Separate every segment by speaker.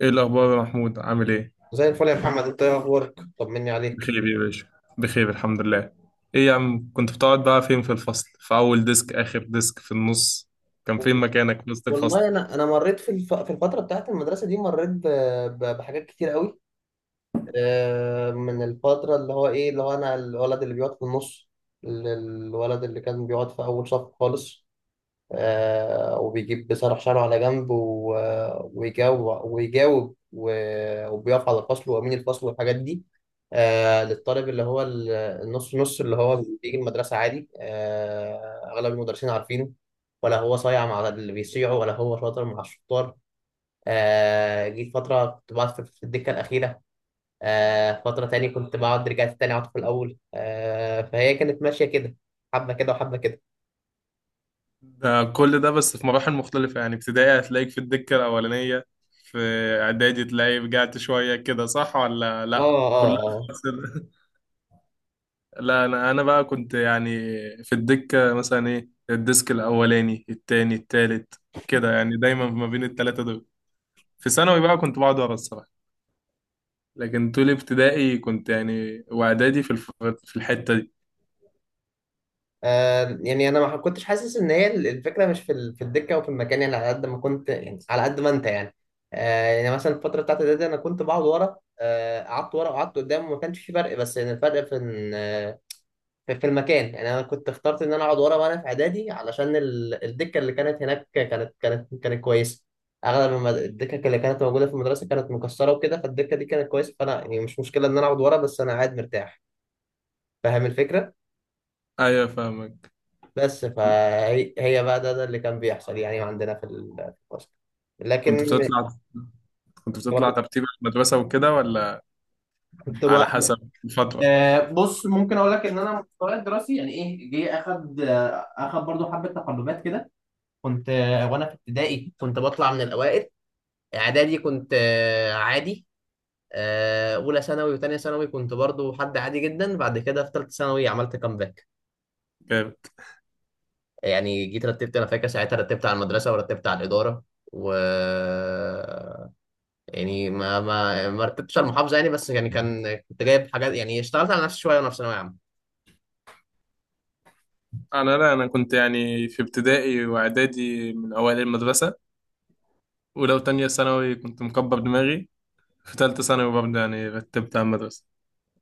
Speaker 1: ايه الاخبار يا محمود عامل ايه؟
Speaker 2: زي الفل يا محمد، انت ايه اخبارك؟ طمني عليك.
Speaker 1: بخير يا باشا. بخير، الحمد لله. ايه يا عم، كنت بتقعد بقى فين في الفصل؟ في اول ديسك، اخر ديسك، في النص؟ كان فين مكانك في وسط الفصل؟
Speaker 2: والله انا مريت في الفتره بتاعت المدرسه دي، مريت بحاجات كتير قوي. من الفتره اللي هو ايه، اللي هو انا الولد اللي بيقعد في النص، ال- الولد اللي كان بيقعد في اول صف خالص. بيصرف شعره على جنب ويجاوب ويجاوب وبيقف على الفصل، وأمين الفصل والحاجات دي. للطالب اللي هو النص، نص اللي هو بيجي المدرسة عادي. أغلب المدرسين عارفينه، ولا هو صايع مع اللي بيصيعوا ولا هو شاطر مع الشطار. جيت فترة كنت بقعد في الدكة الأخيرة، فترة تاني كنت بقعد، رجعت تاني أقعد في الأول. فهي كانت ماشية كده، حبة كده وحبة كده.
Speaker 1: ده كل ده بس في مراحل مختلفة، يعني ابتدائي هتلاقيك في الدكة الأولانية. في إعدادي تلاقي رجعت شوية كده، صح ولا
Speaker 2: اه
Speaker 1: لأ؟ كلها
Speaker 2: اه.
Speaker 1: في نفس ال- لا، أنا بقى كنت يعني في الدكة مثلا إيه، الديسك الأولاني التاني التالت كده، يعني دايما ما بين التلاتة دول. في ثانوي بقى كنت بقعد ورا الصراحة. لكن طول ابتدائي كنت يعني واعدادي في الحتة دي.
Speaker 2: يعني انا ما كنتش حاسس ان هي الفكره مش في في الدكه او في المكان، يعني على قد ما كنت، يعني على قد ما انت يعني. يعني مثلا الفتره بتاعت ده انا كنت بقعد ورا، قعدت ورا وقعدت قدام وما كانش في فرق، بس يعني الفرق في في المكان، يعني انا كنت اخترت ان انا اقعد ورا وانا في اعدادي علشان الدكه اللي كانت هناك كانت كويسه. اغلب الدكك اللي كانت موجوده في المدرسه كانت مكسره وكده، فالدكه دي كانت كويسه، فانا يعني مش مشكله ان انا اقعد ورا، بس انا قاعد مرتاح. فاهم الفكره.
Speaker 1: ايوه، فاهمك.
Speaker 2: بس
Speaker 1: ك-
Speaker 2: فهي بقى ده اللي كان بيحصل يعني عندنا في في الفصل. لكن
Speaker 1: كنت بتطلع كنت بتطلع
Speaker 2: كنت
Speaker 1: ترتيب المدرسة وكده ولا
Speaker 2: كنت
Speaker 1: على
Speaker 2: بقى-
Speaker 1: حسب الفترة؟
Speaker 2: بص ممكن اقول لك ان انا مستواي الدراسي يعني ايه، جه اخد، اخد برضو حبه تقلبات كده. كنت آه، وانا في ابتدائي كنت بطلع من الاوائل، اعدادي كنت عادي، اولى ثانوي وثانيه ثانوي كنت برضو حد عادي جدا. بعد كده في ثالثه ثانوي عملت كامباك.
Speaker 1: جامد.
Speaker 2: يعني جيت رتبت، انا فاكر ساعتها رتبت على المدرسه ورتبت على الاداره، و، يعني ما رتبتش على المحافظه يعني، بس يعني كان كنت جايب حاجات يعني، اشتغلت على نفسي شويه وانا في ثانويه عامه.
Speaker 1: لا، انا كنت يعني في ابتدائي واعدادي من اوائل المدرسة. ولو تانية ثانوي كنت مكبر دماغي. في تالتة ثانوي برضه يعني رتبت على المدرسة.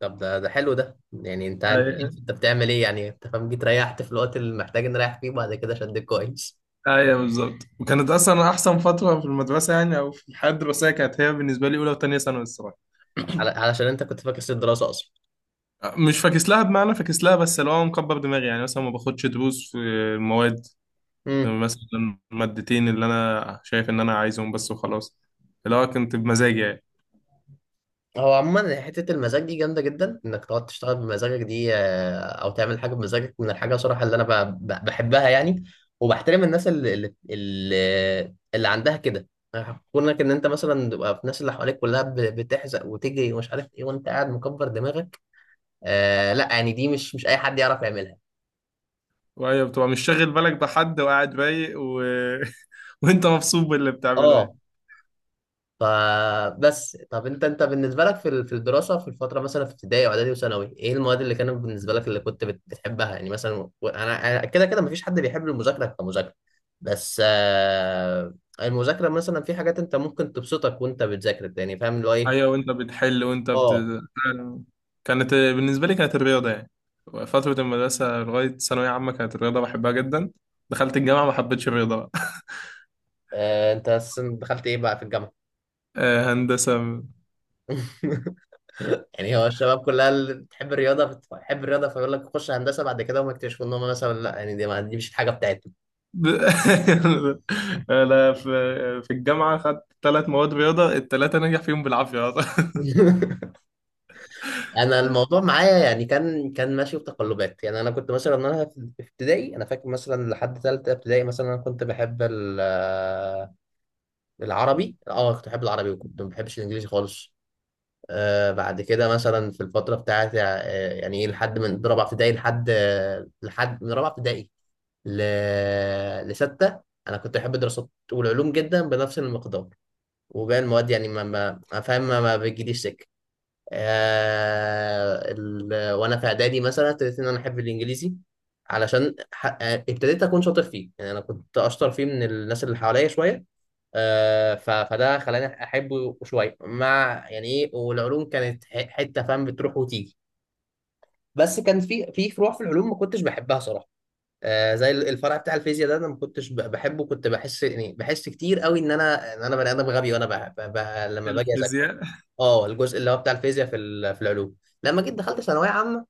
Speaker 2: طب ده حلو، ده يعني انت
Speaker 1: ايوه،
Speaker 2: انت بتعمل ايه يعني، انت فاهم، جيت ريحت في الوقت اللي محتاج نريح فيه، وبعد كده شدك كويس.
Speaker 1: ايوه، بالظبط، وكانت اصلا احسن فترة في المدرسة، يعني او في الحياة الدراسية، كانت هي بالنسبة لي اولى وتانية ثانوي الصراحة.
Speaker 2: على- علشان انت كنت فاكس الدراسه اصلا.
Speaker 1: مش فاكس لها، بمعنى فاكس لها بس اللي هو مكبر دماغي، يعني مثلا ما باخدش دروس في المواد،
Speaker 2: امم.
Speaker 1: مثلا المادتين اللي انا شايف ان انا عايزهم بس وخلاص. اللي هو كنت بمزاجي يعني.
Speaker 2: هو عموما حتة المزاج دي جامدة جدا، انك تقعد تشتغل بمزاجك دي، او تعمل حاجة بمزاجك، من الحاجة صراحة اللي انا بحبها يعني، وبحترم الناس اللي عندها كده. كونك ان انت مثلا تبقى في الناس اللي حواليك كلها بتحزق وتجري ومش عارف ايه، وانت قاعد مكبر دماغك، آه لا، يعني دي مش اي حد يعرف يعملها.
Speaker 1: وهي بتبقى مش شاغل بالك بحد، وقاعد رايق. وانت مبسوط باللي بتعمله يعني.
Speaker 2: اه. فبس، طب انت بالنسبه لك في في الدراسه، في الفتره مثلا في ابتدائي واعدادي وثانوي، ايه المواد اللي كانت بالنسبه لك اللي كنت بتحبها يعني مثلا؟ و- انا أنا كده كده مفيش حد بيحب المذاكره كمذاكره، بس المذاكره مثلا في حاجات انت ممكن تبسطك وانت بتذاكر، يعني فاهم اللي هو
Speaker 1: ايوه،
Speaker 2: ايه.
Speaker 1: وانت بتحل.
Speaker 2: اه.
Speaker 1: كانت بالنسبه لي كانت الرياضه يعني، فتره المدرسه لغايه ثانويه عامه كانت الرياضه بحبها جدا. دخلت الجامعه ما حبيتش الرياضه بقى.
Speaker 2: انت أساساً دخلت ايه بقى في الجامعه؟
Speaker 1: آه، هندسه.
Speaker 2: يعني هو الشباب كلها اللي بتحب الرياضه بتحب الرياضه، فيقول لك خش هندسه، بعد كده هم يكتشفوا ان هم مثلا لا، يعني دي مش الحاجه بتاعتهم.
Speaker 1: ب- انا في الجامعه خدت ثلاث مواد رياضه، الثلاثه نجح فيهم بالعافيه أصلاً.
Speaker 2: انا الموضوع معايا يعني كان ماشي بتقلبات يعني، انا كنت مثلا، انا في ابتدائي انا فاكر مثلا لحد ثالثه ابتدائي مثلا انا كنت بحب العربي، اه كنت بحب العربي وكنت ما بحبش الانجليزي خالص. آه بعد كده مثلا في الفتره بتاعتي، آه، يعني ايه لحد من رابعه ابتدائي لحد آه، لحد من رابعه ابتدائي ل... لستة، أنا كنت أحب الدراسات والعلوم جدا بنفس المقدار، وباقي المواد يعني ما ما ما فاهم ما, ما بتجيليش سكة. وانا في اعدادي مثلا ابتديت ان انا احب الانجليزي علشان ح... آه، ابتديت اكون شاطر فيه، يعني انا كنت اشطر فيه من الناس اللي حواليا شويه، فده خلاني احبه شويه، مع يعني ايه، والعلوم كانت حته فاهم، بتروح وتيجي، بس كان في فروع في العلوم ما كنتش بحبها صراحه. آه زي الفرع بتاع الفيزياء ده، انا ما كنتش بحبه، كنت بحس يعني بحس كتير قوي ان انا بني ادم غبي، وانا لما باجي،
Speaker 1: الفيزياء.
Speaker 2: اه الجزء اللي هو بتاع الفيزياء في في العلوم. لما جيت دخلت ثانويه عامه،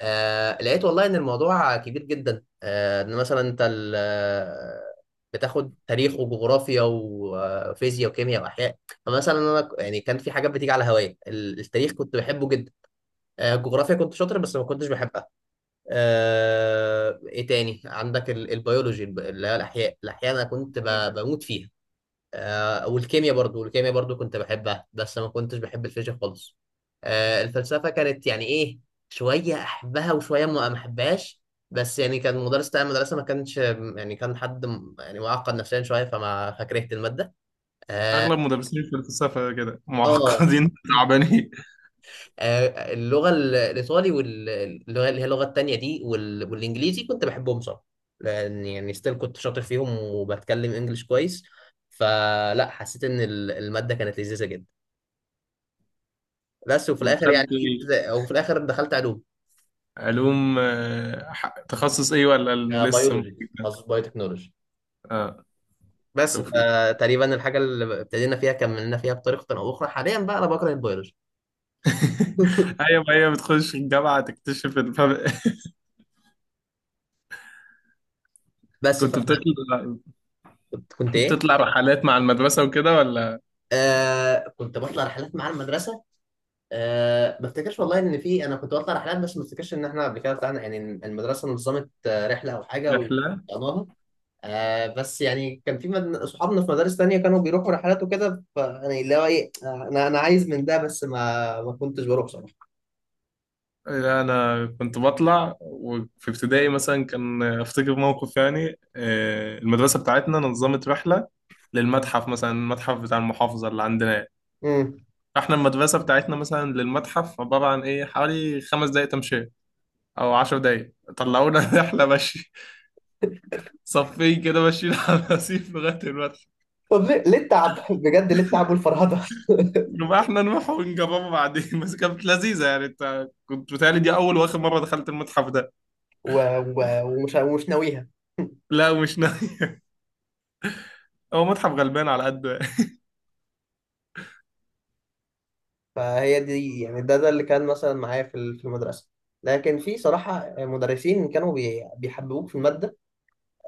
Speaker 2: آه لقيت والله ان الموضوع كبير جدا، آه ان مثلا انت بتاخد تاريخ وجغرافيا وفيزياء وكيمياء واحياء. فمثلا يعني كان في حاجات بتيجي على هوايا، التاريخ كنت بحبه جدا، آه الجغرافيا كنت شاطر بس ما كنتش بحبها. آه ايه تاني عندك، البيولوجي اللي هي الاحياء، الاحياء انا كنت بموت فيها، آه، والكيمياء برضو كنت بحبها، بس ما كنتش بحب الفيزياء خالص. آه، الفلسفة كانت يعني إيه، شوية أحبها وشوية ما أحبهاش، بس يعني كان المدرس بتاع المدرسة ما كانش يعني، كان حد يعني معقد نفسيا شوية فما فكرهت المادة.
Speaker 1: اغلب مدرسين الفلسفه كده
Speaker 2: آه،
Speaker 1: معقدين تعبانين.
Speaker 2: اللغة الإيطالي، واللغة اللي هي اللغة التانية دي، والإنجليزي كنت بحبهم صراحة، لأن يعني ستيل كنت شاطر فيهم وبتكلم إنجليش كويس، فلا حسيت إن المادة كانت لذيذة جدا. بس وفي الاخر يعني
Speaker 1: ودخلت
Speaker 2: جيت،
Speaker 1: إيه؟
Speaker 2: او في الاخر دخلت علوم،
Speaker 1: علوم آه، تخصص ايه ولا؟ لسه
Speaker 2: بيولوجي
Speaker 1: ممكن ده؟
Speaker 2: تخصص بايوتكنولوجي.
Speaker 1: اه.
Speaker 2: بس
Speaker 1: توفيق.
Speaker 2: فتقريبا الحاجه اللي ابتدينا فيها كملنا فيها بطريقه او اخرى، حاليا بقى انا بكره البيولوجي.
Speaker 1: ايوه، هي بتخش الجامعه تكتشف الفرق.
Speaker 2: بس
Speaker 1: كنت
Speaker 2: فانا
Speaker 1: بتطلع
Speaker 2: كنت ايه،
Speaker 1: بتطلع رحلات مع المدرسه وكده ولا؟
Speaker 2: آه كنت بطلع رحلات مع المدرسه. آه ما افتكرش والله ان في، انا كنت بطلع رحلات بس ما افتكرش ان احنا قبل كده طلعنا، يعني المدرسه نظمت رحله او حاجه
Speaker 1: رحله.
Speaker 2: وطلعناها. آه بس يعني كان في صحابنا في مدارس تانية كانوا بيروحوا رحلات وكده، فيعني اللي هو ايه، آه، انا عايز من ده، بس ما كنتش بروح بصراحة.
Speaker 1: لا، انا كنت بطلع، وفي ابتدائي مثلا كان افتكر موقف يعني آه، المدرسه بتاعتنا نظمت رحله للمتحف، مثلا المتحف بتاع المحافظه اللي عندنا يعني.
Speaker 2: امم.
Speaker 1: احنا المدرسه بتاعتنا مثلا للمتحف عباره عن ايه، حوالي 5 دقائق تمشي او 10 دقائق، طلعونا رحله مشي، صفين كده ماشيين على الرصيف لغايه المتحف.
Speaker 2: طب ليه ليه التعب، بجد ليه التعب والفرهدة؟
Speaker 1: نبقى احنا نروح ونجربه بعدين، بس كانت لذيذه يعني، انت كنت بتهيألي دي اول واخر مره دخلت المتحف ده.
Speaker 2: و... ومش ناويها.
Speaker 1: لا، مش ناوي. هو متحف غلبان على قد.
Speaker 2: فهي دي، يعني ده اللي كان مثلا معايا في في المدرسة. لكن في صراحة مدرسين كانوا بيحببوك في المادة،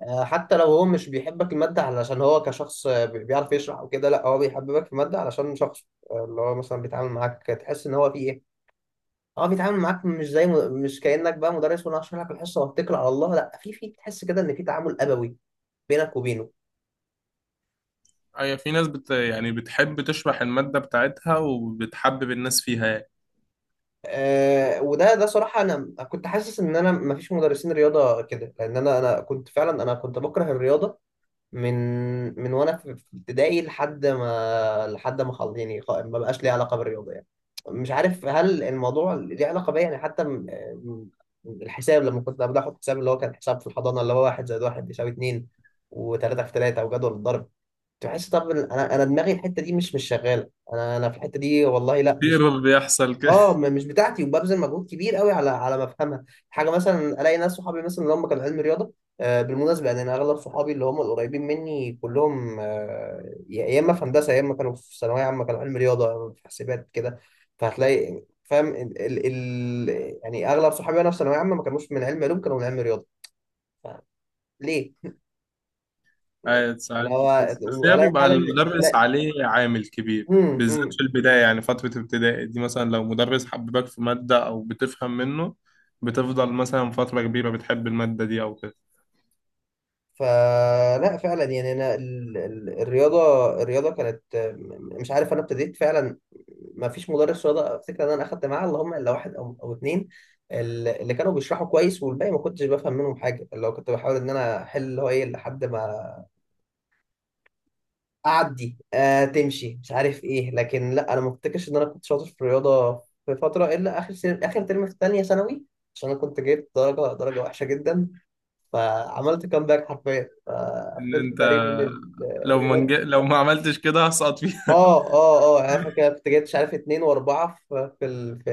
Speaker 2: حتى لو هو مش بيحبك المادة، علشان هو كشخص، بيعرف يشرح وكده، لا هو بيحببك في المادة علشان شخص، اللي هو مثلا بيتعامل معاك تحس ان هو في ايه، اه بيتعامل معاك مش زي مش كأنك بقى مدرس وانا هشرح لك الحصه واتكل على الله، لا في تحس كده ان في تعامل ابوي بينك وبينه.
Speaker 1: أي، في ناس بت يعني بتحب تشرح المادة بتاعتها وبتحبب الناس فيها يعني.
Speaker 2: آه وده ده صراحه، انا كنت حاسس ان انا ما فيش مدرسين رياضه كده، لان انا كنت فعلا انا كنت بكره الرياضه. من من وانا في ابتدائي لحد ما يعني ما بقاش ليه علاقه بالرياضه يعني. مش عارف هل الموضوع ليه علاقه بيا، يعني حتى م- الحساب لما كنت قبل احط حساب، اللي هو كان حساب في الحضانه، اللي هو 1 + 1 = 2، و3 × 3 وجدول الضرب، تحس طب إن انا دماغي الحته دي مش شغاله، انا في الحته دي، والله لا
Speaker 1: في
Speaker 2: مش،
Speaker 1: ايرور بيحصل
Speaker 2: اه
Speaker 1: كده.
Speaker 2: مش بتاعتي، وببذل مجهود كبير قوي على ما افهمها حاجه. مثلا الاقي ناس صحابي مثلا اللي هم كانوا علم رياضه. بالمناسبه يعني انا اغلب صحابي اللي هم القريبين مني كلهم، آه، يا اما في هندسه، يا اما كانوا في ثانويه عامه كانوا علم رياضه، يا إما في حاسبات كده. فهتلاقي فاهم ال يعني اغلب صحابي وانا في ثانويه عامه ما كانوش من علم علوم، كانوا من علم رياضه. ليه؟
Speaker 1: أي، ساعات
Speaker 2: اللي هو
Speaker 1: بتحس، بس هي
Speaker 2: الاقي
Speaker 1: بيبقى
Speaker 2: فعلا
Speaker 1: المدرس
Speaker 2: ولا.
Speaker 1: عليه عامل كبير بالذات
Speaker 2: امم.
Speaker 1: في البداية، يعني فترة ابتدائي دي مثلا لو مدرس حببك في مادة أو بتفهم منه بتفضل مثلا فترة كبيرة بتحب المادة دي أو كده.
Speaker 2: فلا فعلا يعني انا الرياضه كانت مش عارف، انا ابتديت فعلا ما فيش مدرس رياضه افتكر ان انا اخدت معاه، اللي هم الا واحد او او اتنين، اللي كانوا بيشرحوا كويس، والباقي ما كنتش بفهم منهم حاجه، اللي هو كنت بحاول ان انا احل اللي هو ايه لحد ما اعدي، آه تمشي مش عارف ايه. لكن لا انا ما افتكرش ان انا كنت شاطر في الرياضه في فتره الا اخر سنة، اخر ترم في ثانيه ثانوي، عشان انا كنت جايب درجه وحشه جدا، فعملت كامباك حرفيا
Speaker 1: إن
Speaker 2: فقفلت
Speaker 1: أنت
Speaker 2: تقريبا ال- الرياض
Speaker 1: لو ما عملتش كده هسقط فيها.
Speaker 2: اه اه اه، يعني انا فاكر كنت جايب مش عارف اتنين واربعه في في ال- في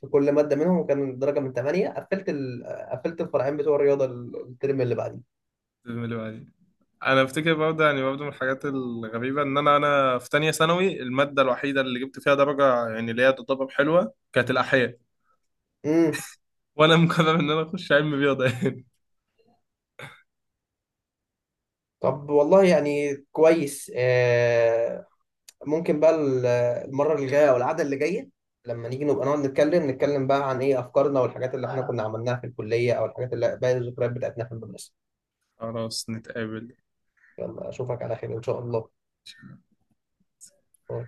Speaker 2: في كل ماده منهم، وكان الدرجه من ثمانيه، قفلت الفرعين بتوع الرياضه الترم اللي بعديه.
Speaker 1: انا افتكر برضه، يعني برضه من الحاجات الغريبه ان انا في تانية ثانوي الماده الوحيده اللي جبت فيها درجه يعني اللي هي تعتبر حلوه كانت الاحياء،
Speaker 2: امم.
Speaker 1: وانا مقرر ان انا اخش علم رياضه يعني.
Speaker 2: طب والله يعني كويس. آه ممكن بقى المره اللي جايه او القعده اللي جايه لما نيجي نبقى نقعد نتكلم، نتكلم بقى عن ايه افكارنا والحاجات اللي احنا كنا عملناها في الكليه، او الحاجات اللي باقي الذكريات بتاعتنا في المدرسه.
Speaker 1: خلاص نتقابل.
Speaker 2: يلا اشوفك على خير ان شاء الله. هو